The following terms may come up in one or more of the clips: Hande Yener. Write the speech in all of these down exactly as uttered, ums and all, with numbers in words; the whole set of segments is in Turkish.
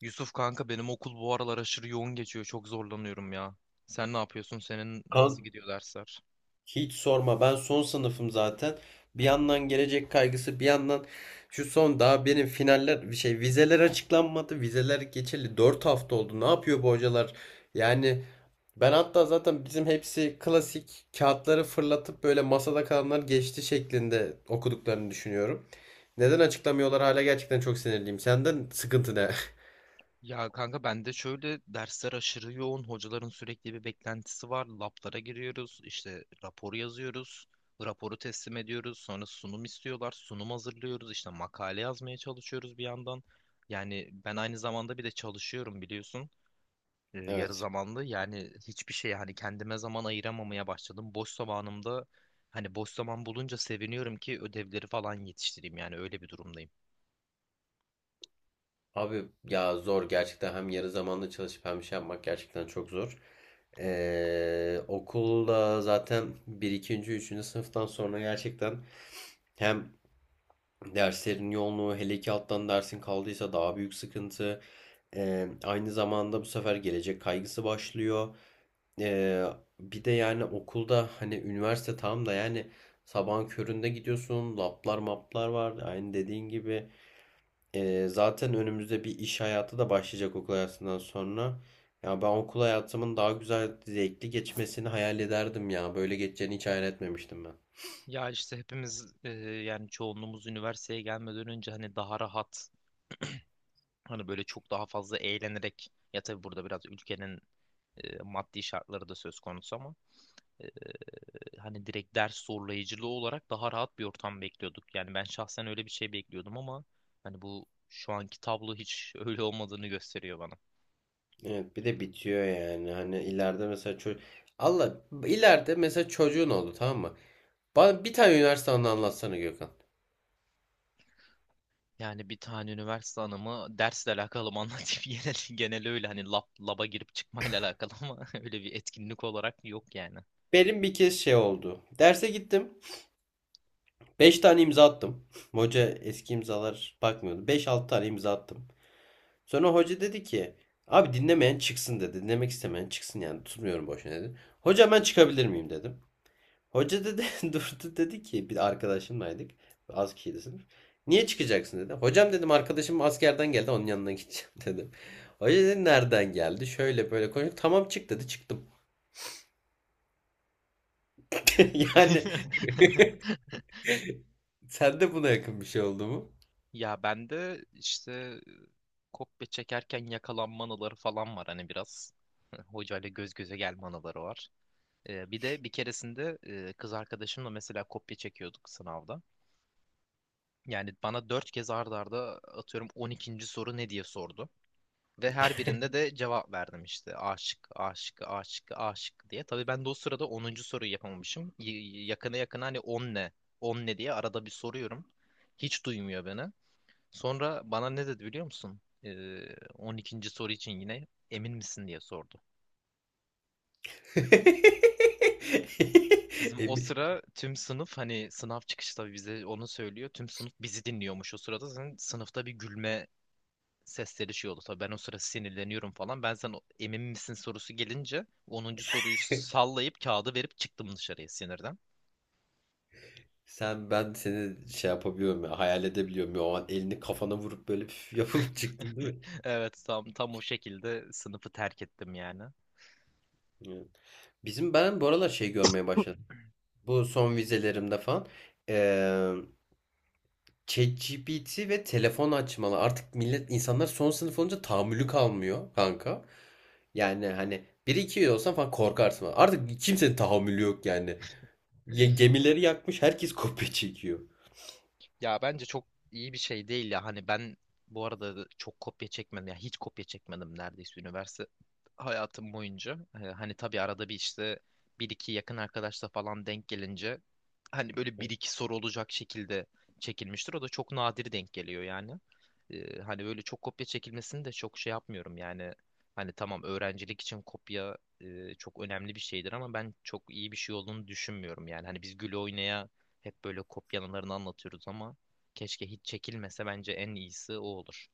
Yusuf kanka benim okul bu aralar aşırı yoğun geçiyor. Çok zorlanıyorum ya. Sen ne yapıyorsun? Senin Kan nasıl gidiyor dersler? hiç sorma, ben son sınıfım zaten. Bir yandan gelecek kaygısı, bir yandan şu son daha benim finaller bir şey, vizeler açıklanmadı. Vizeler geçeli dört hafta oldu. Ne yapıyor bu hocalar? Yani ben hatta zaten bizim hepsi klasik kağıtları fırlatıp böyle masada kalanlar geçti şeklinde okuduklarını düşünüyorum. Neden açıklamıyorlar hala, gerçekten çok sinirliyim. Senden sıkıntı ne? Ya kanka ben de şöyle dersler aşırı yoğun. Hocaların sürekli bir beklentisi var. Lablara giriyoruz. İşte raporu yazıyoruz. Raporu teslim ediyoruz. Sonra sunum istiyorlar. Sunum hazırlıyoruz. İşte makale yazmaya çalışıyoruz bir yandan. Yani ben aynı zamanda bir de çalışıyorum biliyorsun. E, yarı Evet. zamanlı. Yani hiçbir şey hani kendime zaman ayıramamaya başladım. Boş zamanımda hani boş zaman bulunca seviniyorum ki ödevleri falan yetiştireyim. Yani öyle bir durumdayım. Abi ya zor gerçekten, hem yarı zamanlı çalışıp hem şey yapmak gerçekten çok zor. Ee, okulda zaten bir ikinci üçüncü sınıftan sonra gerçekten hem derslerin yoğunluğu, hele ki alttan dersin kaldıysa daha büyük sıkıntı. Ee, aynı zamanda bu sefer gelecek kaygısı başlıyor. Ee, Bir de yani okulda hani üniversite tam da yani sabahın köründe gidiyorsun, lablar maplar var aynı dediğin gibi. Ee, zaten önümüzde bir iş hayatı da başlayacak okul hayatından sonra. Ya ben okul hayatımın daha güzel, zevkli geçmesini hayal ederdim ya. Böyle geçeceğini hiç hayal etmemiştim ben. Ya işte hepimiz e, yani çoğunluğumuz üniversiteye gelmeden önce hani daha rahat hani böyle çok daha fazla eğlenerek ya tabii burada biraz ülkenin e, maddi şartları da söz konusu ama e, hani direkt ders zorlayıcılığı olarak daha rahat bir ortam bekliyorduk. Yani ben şahsen öyle bir şey bekliyordum ama hani bu şu anki tablo hiç öyle olmadığını gösteriyor bana. Evet, bir de bitiyor yani. Hani ileride mesela çocuk... Allah ileride mesela çocuğun oldu, tamam mı? Bana bir tane üniversite anı anlatsana Gökhan. Yani bir tane üniversite anımı dersle alakalı mı anlatayım genel, genel öyle hani lab, laba girip çıkmayla alakalı ama öyle bir etkinlik olarak yok yani. Benim bir kez şey oldu. Derse gittim, beş tane imza attım. Hoca eski imzalar bakmıyordu. Beş altı tane imza attım. Sonra hoca dedi ki, abi dinlemeyen çıksın dedi. Dinlemek istemeyen çıksın, yani tutmuyorum boşuna dedi. Hocam ben çıkabilir miyim dedim. Hoca dedi durdu, dedi ki, bir arkadaşımlaydık. Az kişiydi sınıf. Niye çıkacaksın dedi. Hocam dedim, arkadaşım askerden geldi, onun yanına gideceğim dedim. Hoca dedi nereden geldi? Şöyle böyle konuştuk. Tamam çık dedi, çıktım. Yani sen de buna yakın bir şey oldu mu? Ya ben de işte kopya çekerken yakalanma anıları falan var hani biraz. Hocayla göz göze gelme anıları var. Ee, bir de bir keresinde e, kız arkadaşımla mesela kopya çekiyorduk sınavda. Yani bana dört kez ard arda atıyorum on ikinci soru ne diye sordu. Ve her birinde de cevap verdim işte aşık, aşık, aşık, aşık diye. Tabii ben de o sırada onuncu soruyu yapamamışım. Y- y- yakına yakına hani on ne, on ne diye arada bir soruyorum. Hiç duymuyor beni. Sonra bana ne dedi biliyor musun? Ee, on ikinci soru için yine emin misin diye sordu. Bizim o Emin. sıra tüm sınıf hani sınav çıkışı tabii bize onu söylüyor. Tüm sınıf bizi dinliyormuş o sırada. Zaten sınıfta bir gülme sesleri şey oldu. Tabii ben o sıra sinirleniyorum falan. Ben sen o- emin misin sorusu gelince onuncu soruyu sallayıp kağıdı verip çıktım dışarıya sinirden. Sen, ben seni şey yapabiliyorum ya, hayal edebiliyorum ya, o an elini kafana vurup böyle püf yapıp çıktın değil mi? Evet tam tam o şekilde sınıfı terk ettim yani. Evet. Bizim ben bu aralar şey görmeye başladım. Bu son vizelerimde falan eee ChatGPT ve telefon açmalı. Artık millet, insanlar son sınıf olunca tahammülü kalmıyor kanka. Yani hani bir iki olsan falan korkarsın. Artık kimsenin tahammülü yok yani. Ye- gemileri yakmış, herkes kopya çekiyor. Ya bence çok iyi bir şey değil ya. Hani ben bu arada çok kopya çekmedim. Ya hiç kopya çekmedim neredeyse üniversite hayatım boyunca. Ee, hani tabii arada bir işte bir iki yakın arkadaşla falan denk gelince hani böyle bir iki soru olacak şekilde çekilmiştir. O da çok nadir denk geliyor yani. Ee, hani böyle çok kopya çekilmesini de çok şey yapmıyorum yani. Hani tamam öğrencilik için kopya e, çok önemli bir şeydir ama ben çok iyi bir şey olduğunu düşünmüyorum yani. Hani biz gül oynaya hep böyle kopyalarını anlatıyoruz ama keşke hiç çekilmese bence en iyisi o olur.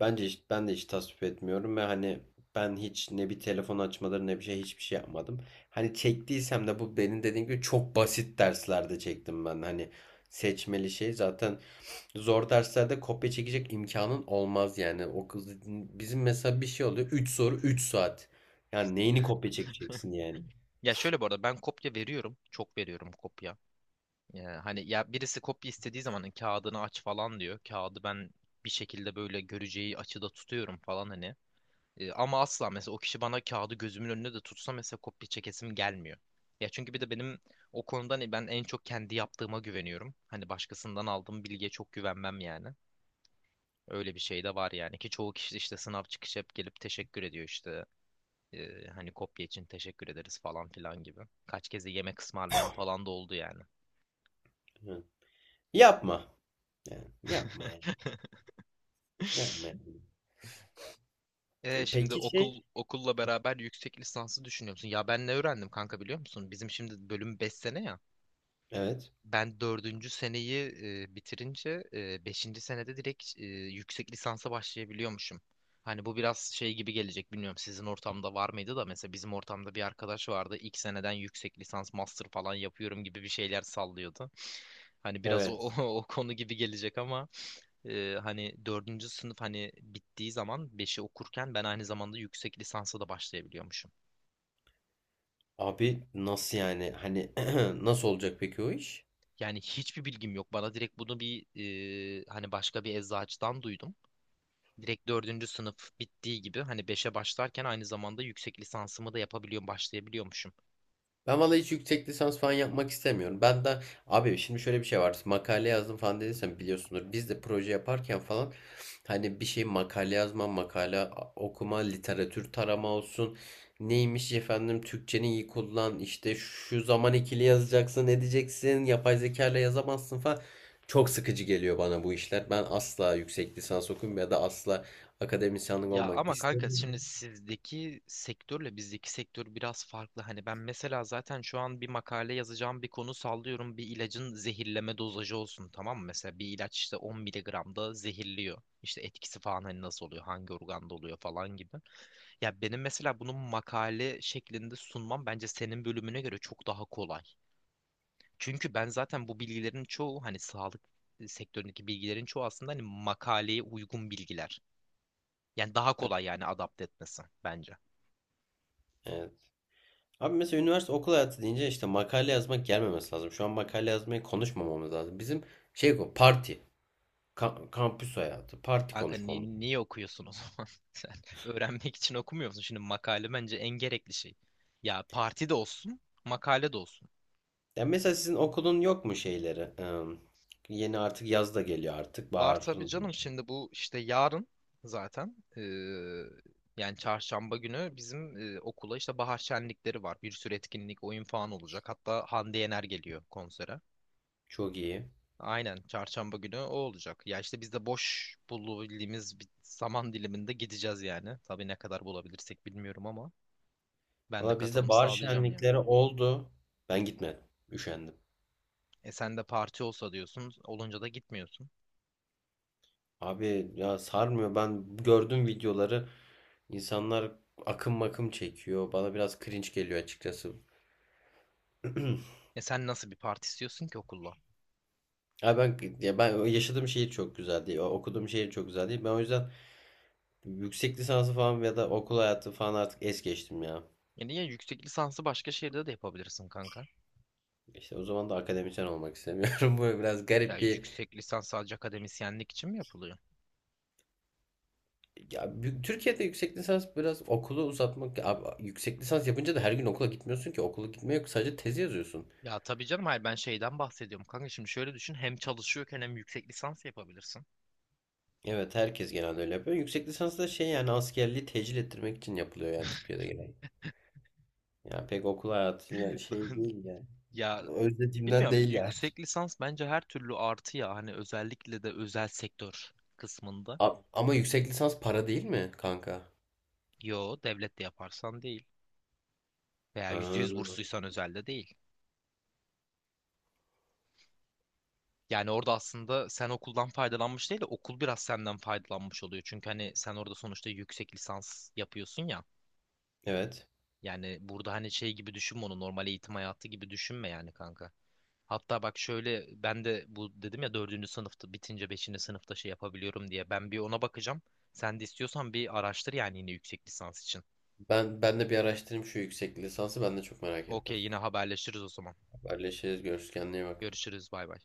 Bence hiç, ben de hiç tasvip etmiyorum ve hani ben hiç ne bir telefon açmaları ne bir şey, hiçbir şey yapmadım. Hani çektiysem de bu benim dediğim gibi çok basit derslerde çektim ben. Hani seçmeli şey zaten, zor derslerde kopya çekecek imkanın olmaz yani. O kız, bizim mesela bir şey oluyor, üç soru üç saat. Yani neyini kopya çekeceksin yani? Ya şöyle bu arada ben kopya veriyorum. Çok veriyorum kopya. Ee, hani ya birisi kopya istediği zaman kağıdını aç falan diyor. Kağıdı ben bir şekilde böyle göreceği açıda tutuyorum falan hani. Ee, ama asla mesela o kişi bana kağıdı gözümün önüne de tutsa mesela kopya çekesim gelmiyor. Ya çünkü bir de benim o konuda hani ben en çok kendi yaptığıma güveniyorum. Hani başkasından aldığım bilgiye çok güvenmem yani. Öyle bir şey de var yani ki çoğu kişi işte sınav çıkışı hep gelip teşekkür ediyor işte. Ee, hani kopya için teşekkür ederiz falan filan gibi. Kaç kez de yemek ısmarlayan falan da oldu yani. Hı. Yapma. Yani yapma yani. Yapma yani. Ee, şimdi Peki şey, okul okulla beraber yüksek lisansı düşünüyor musun? Ya ben ne öğrendim kanka biliyor musun? Bizim şimdi bölüm beş sene ya. evet. Ben dördüncü seneyi e, bitirince e, beşinci senede direkt e, yüksek lisansa başlayabiliyormuşum. Hani bu biraz şey gibi gelecek bilmiyorum sizin ortamda var mıydı da mesela bizim ortamda bir arkadaş vardı ilk seneden yüksek lisans master falan yapıyorum gibi bir şeyler sallıyordu. Hani biraz o, Evet. o, o konu gibi gelecek ama e, hani dördüncü sınıf hani bittiği zaman beşi okurken ben aynı zamanda yüksek lisansa da başlayabiliyormuşum. Abi nasıl yani? Hani nasıl olacak peki o iş? Yani hiçbir bilgim yok. Bana direkt bunu bir e, hani başka bir eczacıdan duydum. Direkt dördüncü sınıf bittiği gibi hani beşe başlarken aynı zamanda yüksek lisansımı da yapabiliyorum, başlayabiliyormuşum. Ben vallahi hiç yüksek lisans falan yapmak istemiyorum. Ben de, abi şimdi şöyle bir şey var. Makale yazdım falan dediysen biliyorsunuz. Biz de proje yaparken falan hani bir şey, makale yazma, makale okuma, literatür tarama olsun. Neymiş efendim Türkçeni iyi kullan işte, şu zaman ikili yazacaksın edeceksin, yapay zeka ile yazamazsın falan. Çok sıkıcı geliyor bana bu işler. Ben asla yüksek lisans okuyayım ya da asla akademisyenlik Ya olmak ama kanka şimdi istemiyorum. sizdeki sektörle bizdeki sektör biraz farklı. Hani ben mesela zaten şu an bir makale yazacağım bir konu sallıyorum. Bir ilacın zehirleme dozajı olsun tamam mı? Mesela bir ilaç işte on miligramda zehirliyor. İşte etkisi falan hani nasıl oluyor, hangi organda oluyor falan gibi. Ya benim mesela bunun makale şeklinde sunmam bence senin bölümüne göre çok daha kolay. Çünkü ben zaten bu bilgilerin çoğu hani sağlık sektöründeki bilgilerin çoğu aslında hani makaleye uygun bilgiler. Yani daha kolay yani adapte etmesi bence. Evet. Abi mesela üniversite okul hayatı deyince işte makale yazmak gelmemesi lazım. Şu an makale yazmayı konuşmamamız lazım. Bizim şey, bu parti, ka- kampüs hayatı, E parti kanka ni- konuşmamız. niye okuyorsun o zaman? Sen öğrenmek için okumuyor musun? Şimdi makale bence en gerekli şey. Ya parti de olsun, makale de olsun. Yani mesela sizin okulun yok mu şeyleri? Eee, yeni artık yaz da geliyor artık. Var tabii Baharın canım şimdi bu işte yarın zaten eee, yani çarşamba günü bizim eee, okula işte bahar şenlikleri var. Bir sürü etkinlik, oyun falan olacak. Hatta Hande Yener geliyor konsere. çok iyi. Aynen çarşamba günü o olacak. Ya işte biz de boş bulabildiğimiz bir zaman diliminde gideceğiz yani. Tabii ne kadar bulabilirsek bilmiyorum ama ben de Valla bizde katılım bahar sağlayacağım yani. şenlikleri oldu. Ben gitmedim. Üşendim. E sen de parti olsa diyorsun, olunca da gitmiyorsun. Abi ya sarmıyor. Ben gördüm videoları. İnsanlar akım makım çekiyor. Bana biraz cringe geliyor açıkçası. E sen nasıl bir parti istiyorsun ki okulla? Ya ben ya ben yaşadığım şehir çok güzel değil. o- Okuduğum şehir çok güzel değil. Ben o yüzden yüksek lisansı falan ya da okul hayatı falan artık es geçtim ya. Yani ya yüksek lisansı başka şehirde de yapabilirsin kanka. İşte o zaman da akademisyen olmak istemiyorum. Bu biraz Ya garip bir, yüksek lisans sadece akademisyenlik için mi yapılıyor? ya bu- Türkiye'de yüksek lisans biraz okulu uzatmak. Abi yüksek lisans yapınca da her gün okula gitmiyorsun ki. Okula gitme yok. Sadece tezi yazıyorsun. Ya tabii canım hayır ben şeyden bahsediyorum kanka. Şimdi şöyle düşün hem çalışıyorken hem yüksek lisans yapabilirsin. Evet, herkes genelde öyle yapıyor. Yüksek lisans da şey yani askerliği tecil ettirmek için yapılıyor yani Türkiye'de genelde. Yani pek okul hayatıyla şey değil yani. Ya Özlediğimden bilmiyorum değil yani. yüksek lisans bence her türlü artı ya hani özellikle de özel sektör kısmında. A- ama yüksek lisans para değil mi kanka? Yo devlet de yaparsan değil veya yüzde Ha. yüz bursluysan özelde değil. Yani orada aslında sen okuldan faydalanmış değil de okul biraz senden faydalanmış oluyor. Çünkü hani sen orada sonuçta yüksek lisans yapıyorsun ya. Evet. Yani burada hani şey gibi düşünme onu normal eğitim hayatı gibi düşünme yani kanka. Hatta bak şöyle ben de bu dedim ya dördüncü sınıfta bitince beşinci sınıfta şey yapabiliyorum diye. Ben bir ona bakacağım. Sen de istiyorsan bir araştır yani yine yüksek lisans için. Ben ben de bir araştırayım şu yüksek lisansı, ben de çok merak Okey ettim. yine haberleşiriz o zaman. Haberleşiriz, görüşürüz, kendine iyi bak. Görüşürüz bay bay.